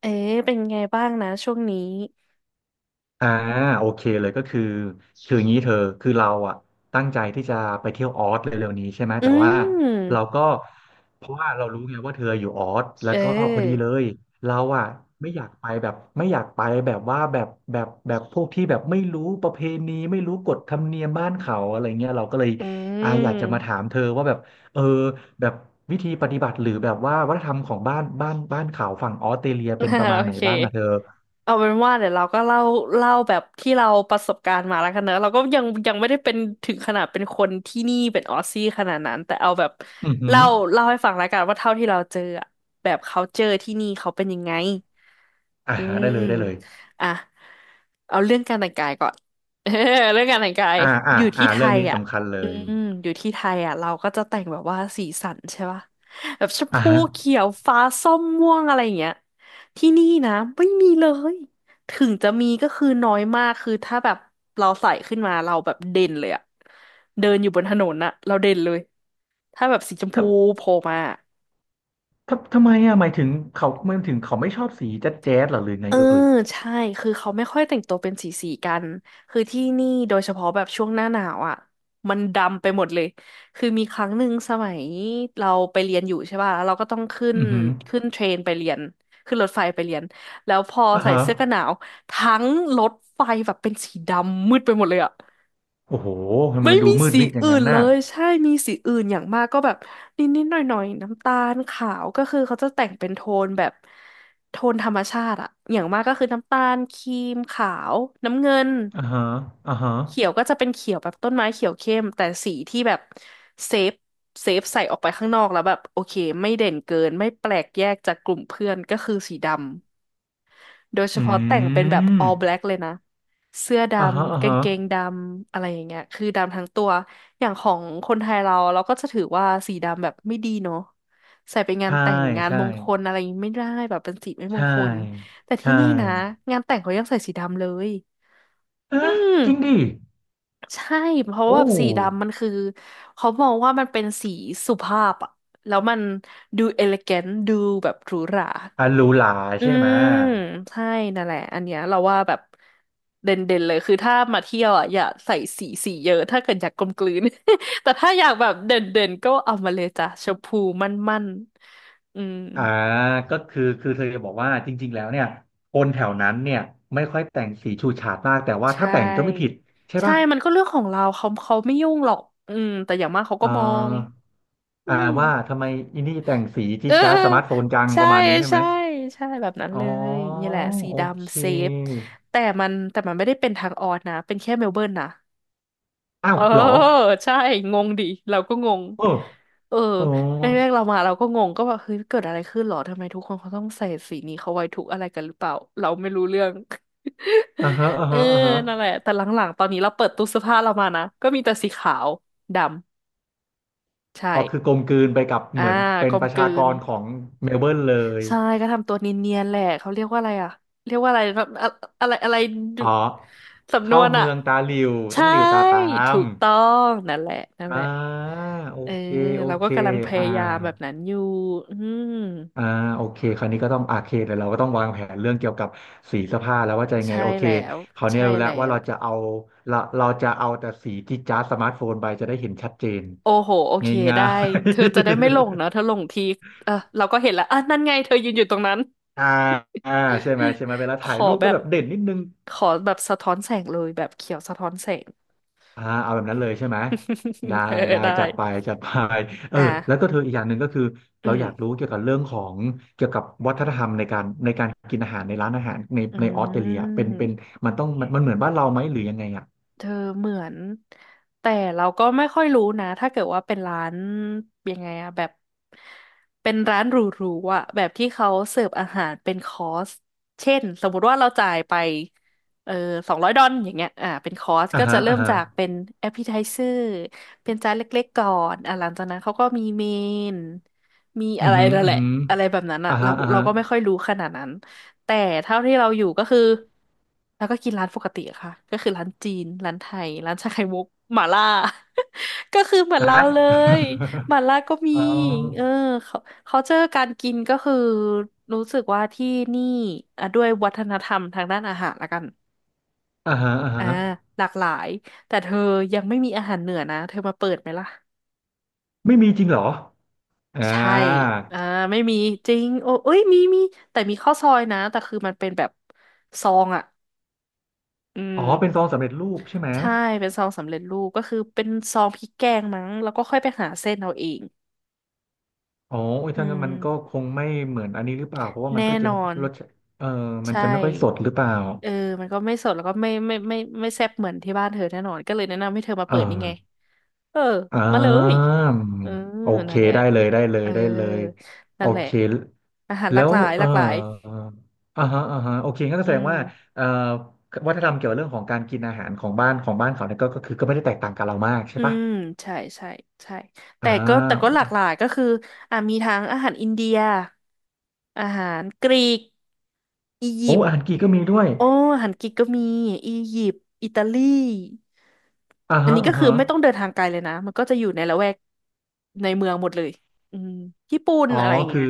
เอ๊ะเป็นไงบ้างนะช่วงนี้อ่าโอเคเลยก็คือคืออย่างนี้เธอคือเราอ่ะตั้งใจที่จะไปเที่ยวออสเร็วๆนี้ใช่ไหมอืแต่ว่าเรามก็เพราะว่าเรารู้ไงว่าเธออยู่ออสแล้เอวก็พอดีเลอยเราอ่ะไม่อยากไปแบบไม่อยากไปแบบว่าแบบแบบพวกที่แบบไม่รู้ประเพณีไม่รู้กฎธรรมเนียมบ้านเขาอะไรเงี้ยเราก็เลยอือยากจะมาถาม มเธอว่าแบบเออแบบวิธีปฏิบัติหรือแบบว่าวัฒนธรรมของบ้านเขาฝั่งออสเตรเลียเป็นประ มาณโอไหนบ้างอะเธอเคเอาเป็นว่าเดี๋ยวเราก็เล่าแบบที่เราประสบการณ์มาแล้วกันเนอะเราก็ยังไม่ได้เป็นถึงขนาดเป็นคนที่นี่เป็นออสซี่ขนาดนั้น แต่เอาแบบอือหือ เล่าให้ฟังแล้วกันว่าเท่าที่เราเจออะแบบ culture ที่นี่เขาเป็นยังไง อ่าอืฮะได้มเลยได้เลยอ่ะเอาเรื่องการแต่งกายก่อน เออเรื่องการแต่งกายอ่าออ่ายู่ที่อ่าไทเรื่องยนี้อ่ะสำคัญเลอืยมอยู่ที่ไทยอ่ะเราก็จะแต่งแบบว่าสีสันใช่ป่ะแบบชมอ่าพูฮะเขียวฟ้าส้มม่วงอะไรอย่างเงี้ยที่นี่นะไม่มีเลยถึงจะมีก็คือน้อยมากคือถ้าแบบเราใส่ขึ้นมาเราแบบเด่นเลยอ่ะเดินอยู่บนถนนอ่ะเราเด่นเลยถ้าแบบสีชมพูทโผล่มา ทำไมอ่ะหมายถึงเขามันถึงเขาไม่ชอบสีแจ๊ดแจ๊ดหรอหรือไงเออเอ่ยใช่คือเขาไม่ค่อยแต่งตัวเป็นสีกันคือที่นี่โดยเฉพาะแบบช่วงหน้าหนาวอ่ะมันดำไปหมดเลยคือมีครั้งหนึ่งสมัยเราไปเรียนอยู่ใช่ป่ะแล้วเราก็ต้องขึ้นอือหือขึ้นเทรนไปเรียนขึ้นรถไฟไปเรียนแล้วพออ่าใส่ฮะเสื้อกันหนาวทั้งรถไฟแบบเป็นสีดำมืดไปหมดเลยอ่ะ โอ้โหทำไมไม่มันดูมีมืดสีมิดอย่างอื่นั้นนเลน่ะยใช่มีสีอื่นอย่างมากก็แบบนิดๆหน่อยๆน้ำตาลขาวก็คือเขาจะแต่งเป็นโทนแบบโทนธรรมชาติอะอย่างมากก็คือน้ำตาลครีมขาวน้ำเงินอ่าฮะอ่าฮะเขียวก็จะเป็นเขียวแบบต้นไม้เขียวเข้มแต่สีที่แบบเซฟใส่ออกไปข้างนอกแล้วแบบโอเคไม่เด่นเกินไม่แปลกแยกจากกลุ่มเพื่อนก็คือสีดำ โดยเฉอืพาะแต่งเป็นแบบ all ม black เลยนะเสื้อดอ่าฮะอ่าำกางฮะเกงดำอะไรอย่างเงี้ยคือดำทั้งตัวอย่างของคนไทยเราก็จะถือว่าสีดำแบบไม่ดีเนาะใส่ไปงานใช่แต่งงานใช่มงคลอะไรอย่างงี้ไม่ได้แบบเป็นสีไม่มงใช่คลแต่ที่ใช่นี่นะงานแต่งเขายังใส่สีดำเลยฮะอืจริงมดิใช่เพราะโอ้ว่าสีดำมันคือเขามองว่ามันเป็นสีสุภาพอะแล้วมันดูเอลิแกนดูแบบหรูหรา ฮัลลหลาอืใช่ไหม มใช่นั่นแหละอันเนี้ยเราว่าแบบเด่นเด่นเลยคือถ้ามาเที่ยวอ่ะอย่าใส่สีเยอะถ้าเกิดอยากกลมกลืน แต่ถ้าอยากแบบเด่นเด่นก็เอามาเลยจ้ะชมพูมั่นมั่นอืมอ่าก็คือคือเธอจะบอกว่าจริงๆแล้วเนี่ยคนแถวนั้นเนี่ยไม่ค่อยแต่งสีฉูดฉาดมากแต่ว่าใชถ้าแต่งก็ไม่ผิด่ใช่ใช่ป่ะมันก็เรื่องของเราเขาไม่ยุ่งหรอกอืมแต่อย่างมากเขาก็อ่มองาอือ่ามว่าทำไมอินนี่แต่งสีเอจี๊ดจ๊าดสมาร์ทโฟอนจังปใช่ระมาณนี้ใช่ไหมใช่ใช่แบบนั้นอ๋อเลยนี่แหละสีโอเคดำเซฟแต่มันไม่ได้เป็นทางออดนะเป็นแค่เมลเบิร์นนะ อ้าเอวอเหรอใช่งงดิเราก็งงเออเอออ๋อแรกๆเรามาเราก็งงก็แบบเฮ้ยเกิดอะไรขึ้นหรอทำไมทุกคนเขาต้องใส่สีนี้เขาไว้ทุกอะไรกันหรือเปล่าเราไม่รู้เรื่อง อ่าฮะอ่า เออฮะอ่าฮะนั่นแหละแต่หลังๆตอนนี้เราเปิดตู้เสื้อผ้าเรามานะก็มีแต่สีขาวดำใช่เอาคือกลมกลืนไปกับอ่าเหมือนเป็กนลปมระกลืชากนรของเมลเบิร์นเลยใช่ก็ทำตัวเนียนๆแหละเขาเรียกว่าอะไรอ่ะเรียกว่าอะไรแบบอะอะไรอะไรดูอ๋อสำนเข้าวนอ่ะเมืองตาหลิวต้ใช่องหลิวตาตาถูม กต้องนั่นแหละนั่นอ่าแหละ โอเออเคโอเราก็เคกำลังพอ่ายายามแบบนั้นอยู่อืมอ่าโอเคคราวนี้ก็ต้องอาเคแต่เดี๋ยวเราก็ต้องวางแผนเรื่องเกี่ยวกับสีเสื้อผ้าแล้วว่าจะยังไงใช่โอเคแล้วคราวนี้ใช่รู้แล้วแล้ว่าวเราจะเอาเราจะเอาแต่สีที่จ้าสมาร์ทโฟนไปจะได้เห็นชัดเจนโอ้โหโอเคง่าได้เธอจะได้ไม่ยหลงเนอะเธอหลงทีเออเราก็เห็นแล้วอ่ะนั่นไงเธอยืนอยู่ตรงนั้น ๆ อ่าอ่าใช่ไหมใช่ ไหมเวลาขถ่ายอรูปแบก็บแบบเด่นนิดนึง สะท้อนแสงเลยแบบเขียวสะท้อนแสง อ่าเอาแบบนั้นเลยใช่ไหมได้ เออได้ได้จัดไปจัดไปเออแล้วก็อ่ะเธออีกอย่างหนึ่งก็คืออืเราอยากมรู้เกี่ยวกับเรื่องของเกี่ยวกับวัฒนธรรมในการกินอาหารในร้านอาหารในอืออสเตรเลียเป็นเป็นม มันมันเหมือนบ้านเราไหมหรือยังไงอ่ะเธอเหมือนแต่เราก็ไม่ค่อยรู้นะถ้าเกิดว่าเป็นร้านยังไงอะแบบเป็นร้านหรูๆอะแบบที่เขาเสิร์ฟอาหารเป็นคอร์สเช่นสมมุติว่าเราจ่ายไปเออ200 ดอลอย่างเงี้ยอ่าเป็นคอร์สอ่าก็จะฮะเริ่อ่ามฮะจากเป็นแอป e t i ไ e เซอร์เป็นจานเล็กๆก่อนอ่าหลังจากนั้นเขาก็มีเมนมีอะอือไรหือนั่นอืแหอละหืออะไรแบบนั้นอะอ่าเราฮะอ่าเราฮะก็ไม่ค่อยรู้ขนาดนั้น แต่เท่าที่เราอยู่ก็คือเราก็กินร้านปกติอะค่ะก็คือร้านจีนร้านไทยร้านชาไข่มุกหม่าล่า ก็คือเหมือนเราฮะ เลยหม่าล่าก็มี อ๋อเออเขาเขาเจอการกินก็คือรู้สึกว่าที่นี่อ่ะด้วยวัฒนธรรมทางด้านอาหารละกันอ่าฮะอ่าอ่าฮะหลากหลายแต่เธอยังไม่มีอาหารเหนือนะเธอมาเปิดไหมล่ะไม่มีจริงเหรออ่ใช่าอ่าไม่มีจริงโอ้เอ้ยมีมีแต่มีข้าวซอยนะแต่คือมันเป็นแบบซองอ่ะอือ๋อเป็นม ซองสำเร็จรูปใช่ไหม ใช่เป็นซองสำเร็จรูปก็คือเป็นซองพริกแกงมั้งแล้วก็ค่อยไปหาเส้นเอาเองอ๋ออุ้ยอืถ้างั้นมมันก็คงไม่เหมือนอันนี้หรือเปล่าเพราะว่ามันแน่ก็จะนอไม่นรสชาติเออมันใช่จะไม่ค่อยสดหรือเปล่าเออมันก็ไม่สดแล้วก็ไม่แซ่บเหมือนที่บ้านเธอแน่นอนก็เลยแนะนำให้เธอมาเอเปิดนี่ไงอเอออ่มาเลยาเออโอเคนั่นแหละได้เลยได้เลเอยอได้เลยโอนั่นแหละเคอาหารหลากแล้วหลายเอหอลากหลายอ่าฮะอ่าฮะโอเคงั้นก็อืแสดงว่าม เอ่อวัฒนธรรมเกี่ยวกับเรื่องของการกินอาหารของบ้านเขาเนี่ยก็ก็คือก็ไม่ได้แตกต่างกับเรามากใช่อืปะมใช่ใช่แต่อ่ก็แต่ก็หาลากหลายก็คืออ่ะมีทั้งอาหารอินเดียอาหารกรีกอียิโอ้ปต์อาหารกีก็มีด้วยโอ้อาหารกรีกก็มีอียิปต์อิตาลีอ่าอันฮะนี้อ่าก็คือฮะไม่ต้องเดินทางไกลเลยนะมันก็จะอยู่ในละแวกในเมืองหมดเลยอืมญี่ปุ่นอ๋ออะไรอย่างคืเงี้อย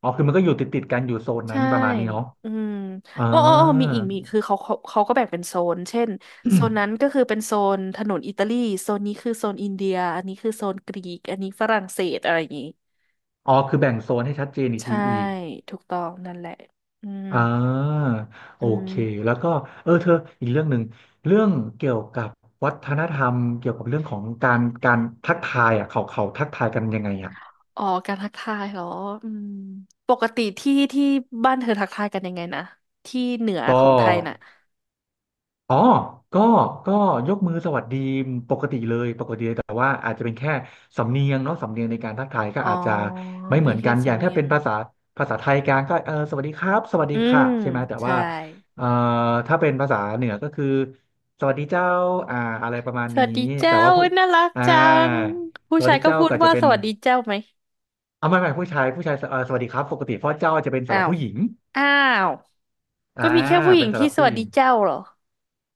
อ๋อคือมันก็อยู่ติดติดกันอยู่โซนนั้ใช่ นประมาณนี้เนาะ อืมอ่า อ้ออ้ออ้อมีอีกมีอีกคือเขาก็แบ่งเป็นโซนเช่นโซน นั้นก็คือเป็นโซนถนนอิตาลีโซนนี้คือโซนอินเดียอันนี้คือโซนกรีก อันนี้ฝรั่งเศสอะไรอย่างงี้ อ๋อคือแบ่งโซนให้ชัดเจนอีกทีใช่อีกถูกต้องนั่นแหละอืมอ่าโออืเคมแล้วก็เออเธออีกเรื่องหนึ่งเรื่องเกี่ยวกับวัฒนธรรมเกี่ยวกับเรื่องของการทักทายอ่ะเขาเขาทักทายกันยังไงอ่ะอ๋อการทักทายเหรออืมปกติที่บ้านเธอทักทายกันยังไงนะ ที่เหนือก็ ของไทยน่ะอ๋อก็ก็ยกมือสวัสดีปกติเลยปกติเลยแต่ว่าอาจจะเป็นแค่สำเนียงเนาะสำเนียงในการทักทายก็อ๋ออาจจะไม่เหมีมือนแค่กันอย่าสำงเนีถ้ายเป็งนภาษาไทยกลางก็เออสวัสดีครับสวัสดีอืค่ะมใช่ไหมแต่ใช่ ว่าเอ่อถ้าเป็นภาษาเหนือก็คือสวัสดีเจ้าอ่าอะไรประมาณสนี้วัสดีเจ้าแต่ว่าผู้อุ๊ยน่ารักอ่าจังผู้สวัสชายดีก็เจ้าพูดก็จะว่าเป็สนวัสดีเจ้าไหมเอาไม่ไม่ผู้ชายผู้ชายสวัสดีครับปกติเพราะเจ้าจะเป็นสำอ้าหรับวผู้หญิงอ้าวอ่าก็มีแค่ผู้หญิเป็นงสำหที่รับสผู้วัหสญิดีง เจ้าเหรอ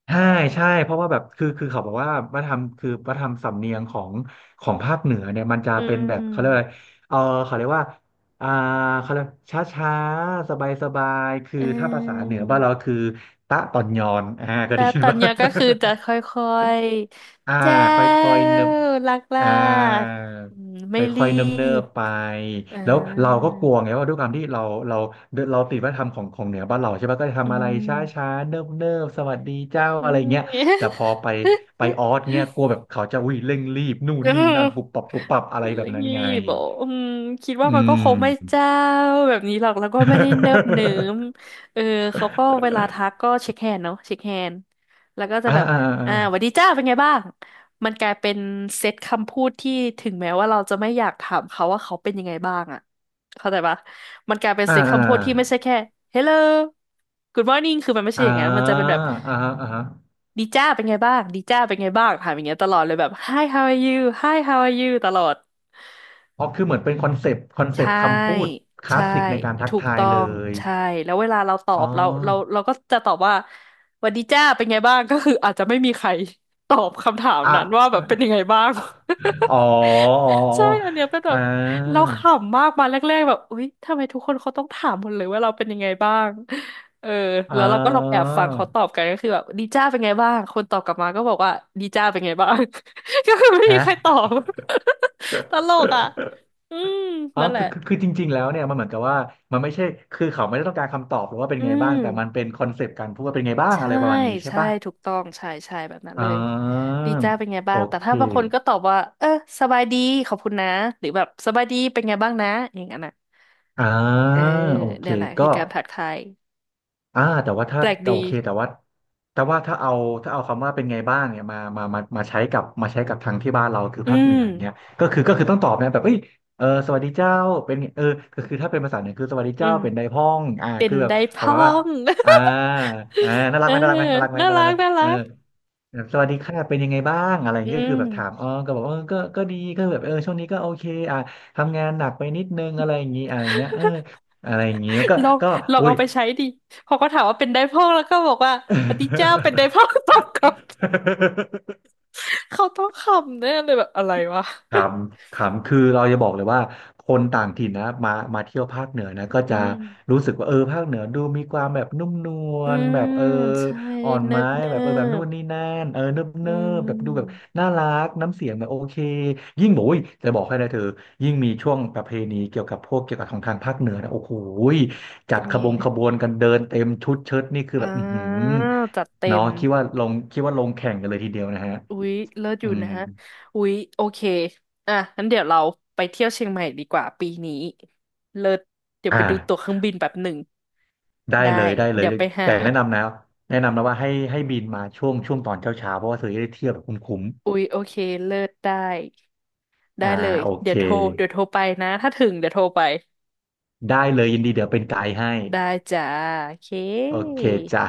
ใช่ใช่เพราะว่าแบบคือคือเขาบอกว่าวัฒนธรรมคือวัฒนธรรมสำเนียงของภาคเหนือเนี่ยมันจะอืเป็นแบบเขาเรียกว่าอะไรมเออเขาเรียกว่าอ่าเขาเรียกช้าช้าสบายสบายๆคืออืถ้าภาษาเหนือบ้านเรามคือตะตอนยอนอ่าก็แต่ไดีตนอนป่ะ เนี้ยก็คือจะค่อยอ่าๆเจ้าค่อยๆเนิบรักลาอ่ากๆอืมคไม่รี่อยๆเนิบบๆไปอ่าแล้วเราก็กลัวไงว่าด้วยความที่เราเราเราติดวัฒนธรรมของเหนือบ้านเราใช่ปะก็จะอืทำอะไรช้ามๆเนิบๆสวัสดีเจ้าอือะไรม เงี้ยแต่พอไปไปออสเงี้ยกลัวแบบเขาจะวิ่งเร่งรีบนู่น เอนี่นั่อนปุบปับปุบปับอะไรแบเร่บงนั้นไงรีบอ่ะอืมคิดว่าอืมันก็คงไม่ม เจ้าแบบนี้หรอกแล้วก็ไม่ได้เนิบเนิ่มเออเขาก็เวลาทัก ก็เช็คแฮนด์เนาะเช็คแฮนด์แล้วก็จะอ่าแบบอ่าอ่าหวัสดีจ้าเป็นไงบ้างมันกลายเป็นเซตคำพูดที่ถึงแม้ว่าเราจะไม่อยากถามเขาว่าเขาเป็นยังไงบ้างอ่ะ เข้าใจปะ มันกลายเป็นอ่าเสียงอ่าคำพูดที่ไม่ใช่แค่ hello good morning คือมันไม่ใช่อ่อย่างนั้นมันจะาอ่าเป็นแบบ อ่า ดีจ้าเป็นไงบ้าง ดีจ้าเป็นไงบ้างถามอย่างเงี้ยตลอดเลยแบบ hi how are you hi how are you ตลอด อ๋อคือเหมือนเป็นคอนเซปต์คอนใชเซปต์คำพู่ดคลาใช่สสิกในการทักถูกทายต้อเลงยใช่แล้วเวลาเราตออ๋อบเราก็จะตอบว่าหวันดีจ้าเป็นไงบ้างก็คืออาจจะไม่มีใคร ตอบคำถามอ่นั้นว่าะแบบเป็นยังไงบ้าง อ๋ออ๋อใช่อันเนี้ยเป็นแบอ๋ออ่บเราาขำมากมาแรกๆแบบอุ๊ยทำไมทุกคนเขาต้องถามหมดเลยว่าเราเป็นยังไงบ้างเอออ่แล้วเราก็ลองแอาบฟังเขาตอบกันก็คือแบบดีจ้าเป็นไงบ้างคนตอบกลับมาก็บอกว่าดีจ้าเป็นไงบ้าง ก็คือไม่มีฮะ ใครตอบ ตลกอ่ะ อืมอ๋อนั่นแหคืละ อคือคือจริงๆแล้วเนี่ยมันเหมือนกับว่ามันไม่ใช่คือเขาไม่ได้ต้องการคำตอบหรือว่าเป็นอืไงบ้างมแต่มันเป็นคอนเซปต์การพูดว่าเป็นไงบ้างอะใช่ไรประมาณนี้ใช่ใช่ปะถูกต้องใช่ใช่แบบนั้นอ่เลยาดีจ้าเป็นไงบ้าโองแต่เคถ้าบางคนก็ตอบว่าเออสบายดีขอบคุณนะหรือแบบสบายดีเป็นไงบ้างนะอย่างนั้นอ่ะอ่าเออโอเคเนี่ยแหละก็ คือการทักทายแต่ว่าถ้าแปลกโอดีเคแต่ว่าถ้าเอาถ้าเอาคำว่าเป็นไงบ้างเนี่ยมาใช้กับมาใช้กับทางที่บ้านเราคืออืภาคเหนืออย่างเงี้ยมก็คือต้องตอบนะแบบเอ้ยเออสวัสดีเจ้าเป็นไงเออก็คือถ้าเป็นภาษาเหนือคือสวัสดีอืเจ้ามเป็นไดพ้องเป็นคือแบบได้ประพ้อมาณว่าง อ่าอ่าน่า รัเอกอไหมน่ารักไหมน่ารักไหมน่าน่ารัรักกไหมน่าเอรัอกแบบสวัสดีค่ะเป็นยังไงบ้างอะไรอย่าอืงเงี้ยคือแบบถามอ๋มอก็บอกเออก็ดีก็แบบเออช่วงนี้ก็โอเคอ่าทำงานหนักไปนิดนึงอะไรอย่างงี้อะไรอย่างเงี้ยเอออะไรอย่างงี้มันก็ลองก็ลองอุ้ย เอาไปใช้ดิพอเขาถามว่าเป็นได้พ้องแล้วก็บอกว่าสวัสดีเจ้าเเป็นได้พ้อง ตออบกลับอ เขาต้องขำแน่เลยแบบอะไรวะขำขำคือเราจะบอกเลยว่าคนต่างถิ่นนะมามาเที่ยวภาคเหนือนะก็อืจะม รู้สึกว่าเออภาคเหนือดูมีความแบบนุ่มนวอืลแบบมเออใช่อ่อนเนิไม้บเนิแบบเออแบบนู่บนนี่นั่นเออเนิบอืเนิบแบบดูแบบมน่ารักน้ำเสียงแบบโอเคยิ่งบอกอุ้ยจะบอกให้นะเธอยิ่งมีช่วงประเพณีเกี่ยวกับพวกเกี่ยวกับของทางภาคเหนือนะโอ้โหยจัเป็ดนขไงบงขบวนกันเดินเต็มชุดเชิ้ตนี่คืออ่แบบอือหืาอจัดเต็เนาะมคิดว่าลงคิดว่าลงแข่งกันเลยทีเดียวนะฮะอุ๊ยเลิศออืยู่มนะอุ๊ยโอเคอ่ะงั้นเดี๋ยวเราไปเที่ยวเชียงใหม่ดีกว่าปีนี้เลิศเดี๋ยวอ่ไปดูตั๋วเคา รื่องบินแบบหนึ่งได้ได้เลยได้เลเดี๋ยยวไปหาแต่แนะนำนะแนะนำนะว่าให้บินมาช่วงช่วงตอนเช้าเช้าเพราะว่าเธอจะได้เที่ยวแบบคุ้มอุ๊ยโอเคเลิศได้ๆได้อ่าเลยโอเคเดี๋ยวโทรไปนะถ้าถึงเดี๋ยวโทรไปได้เลยยินดีเดี๋ยวเป็นไกด์ให้ได้จ้าโอเคโอเคจ้ะ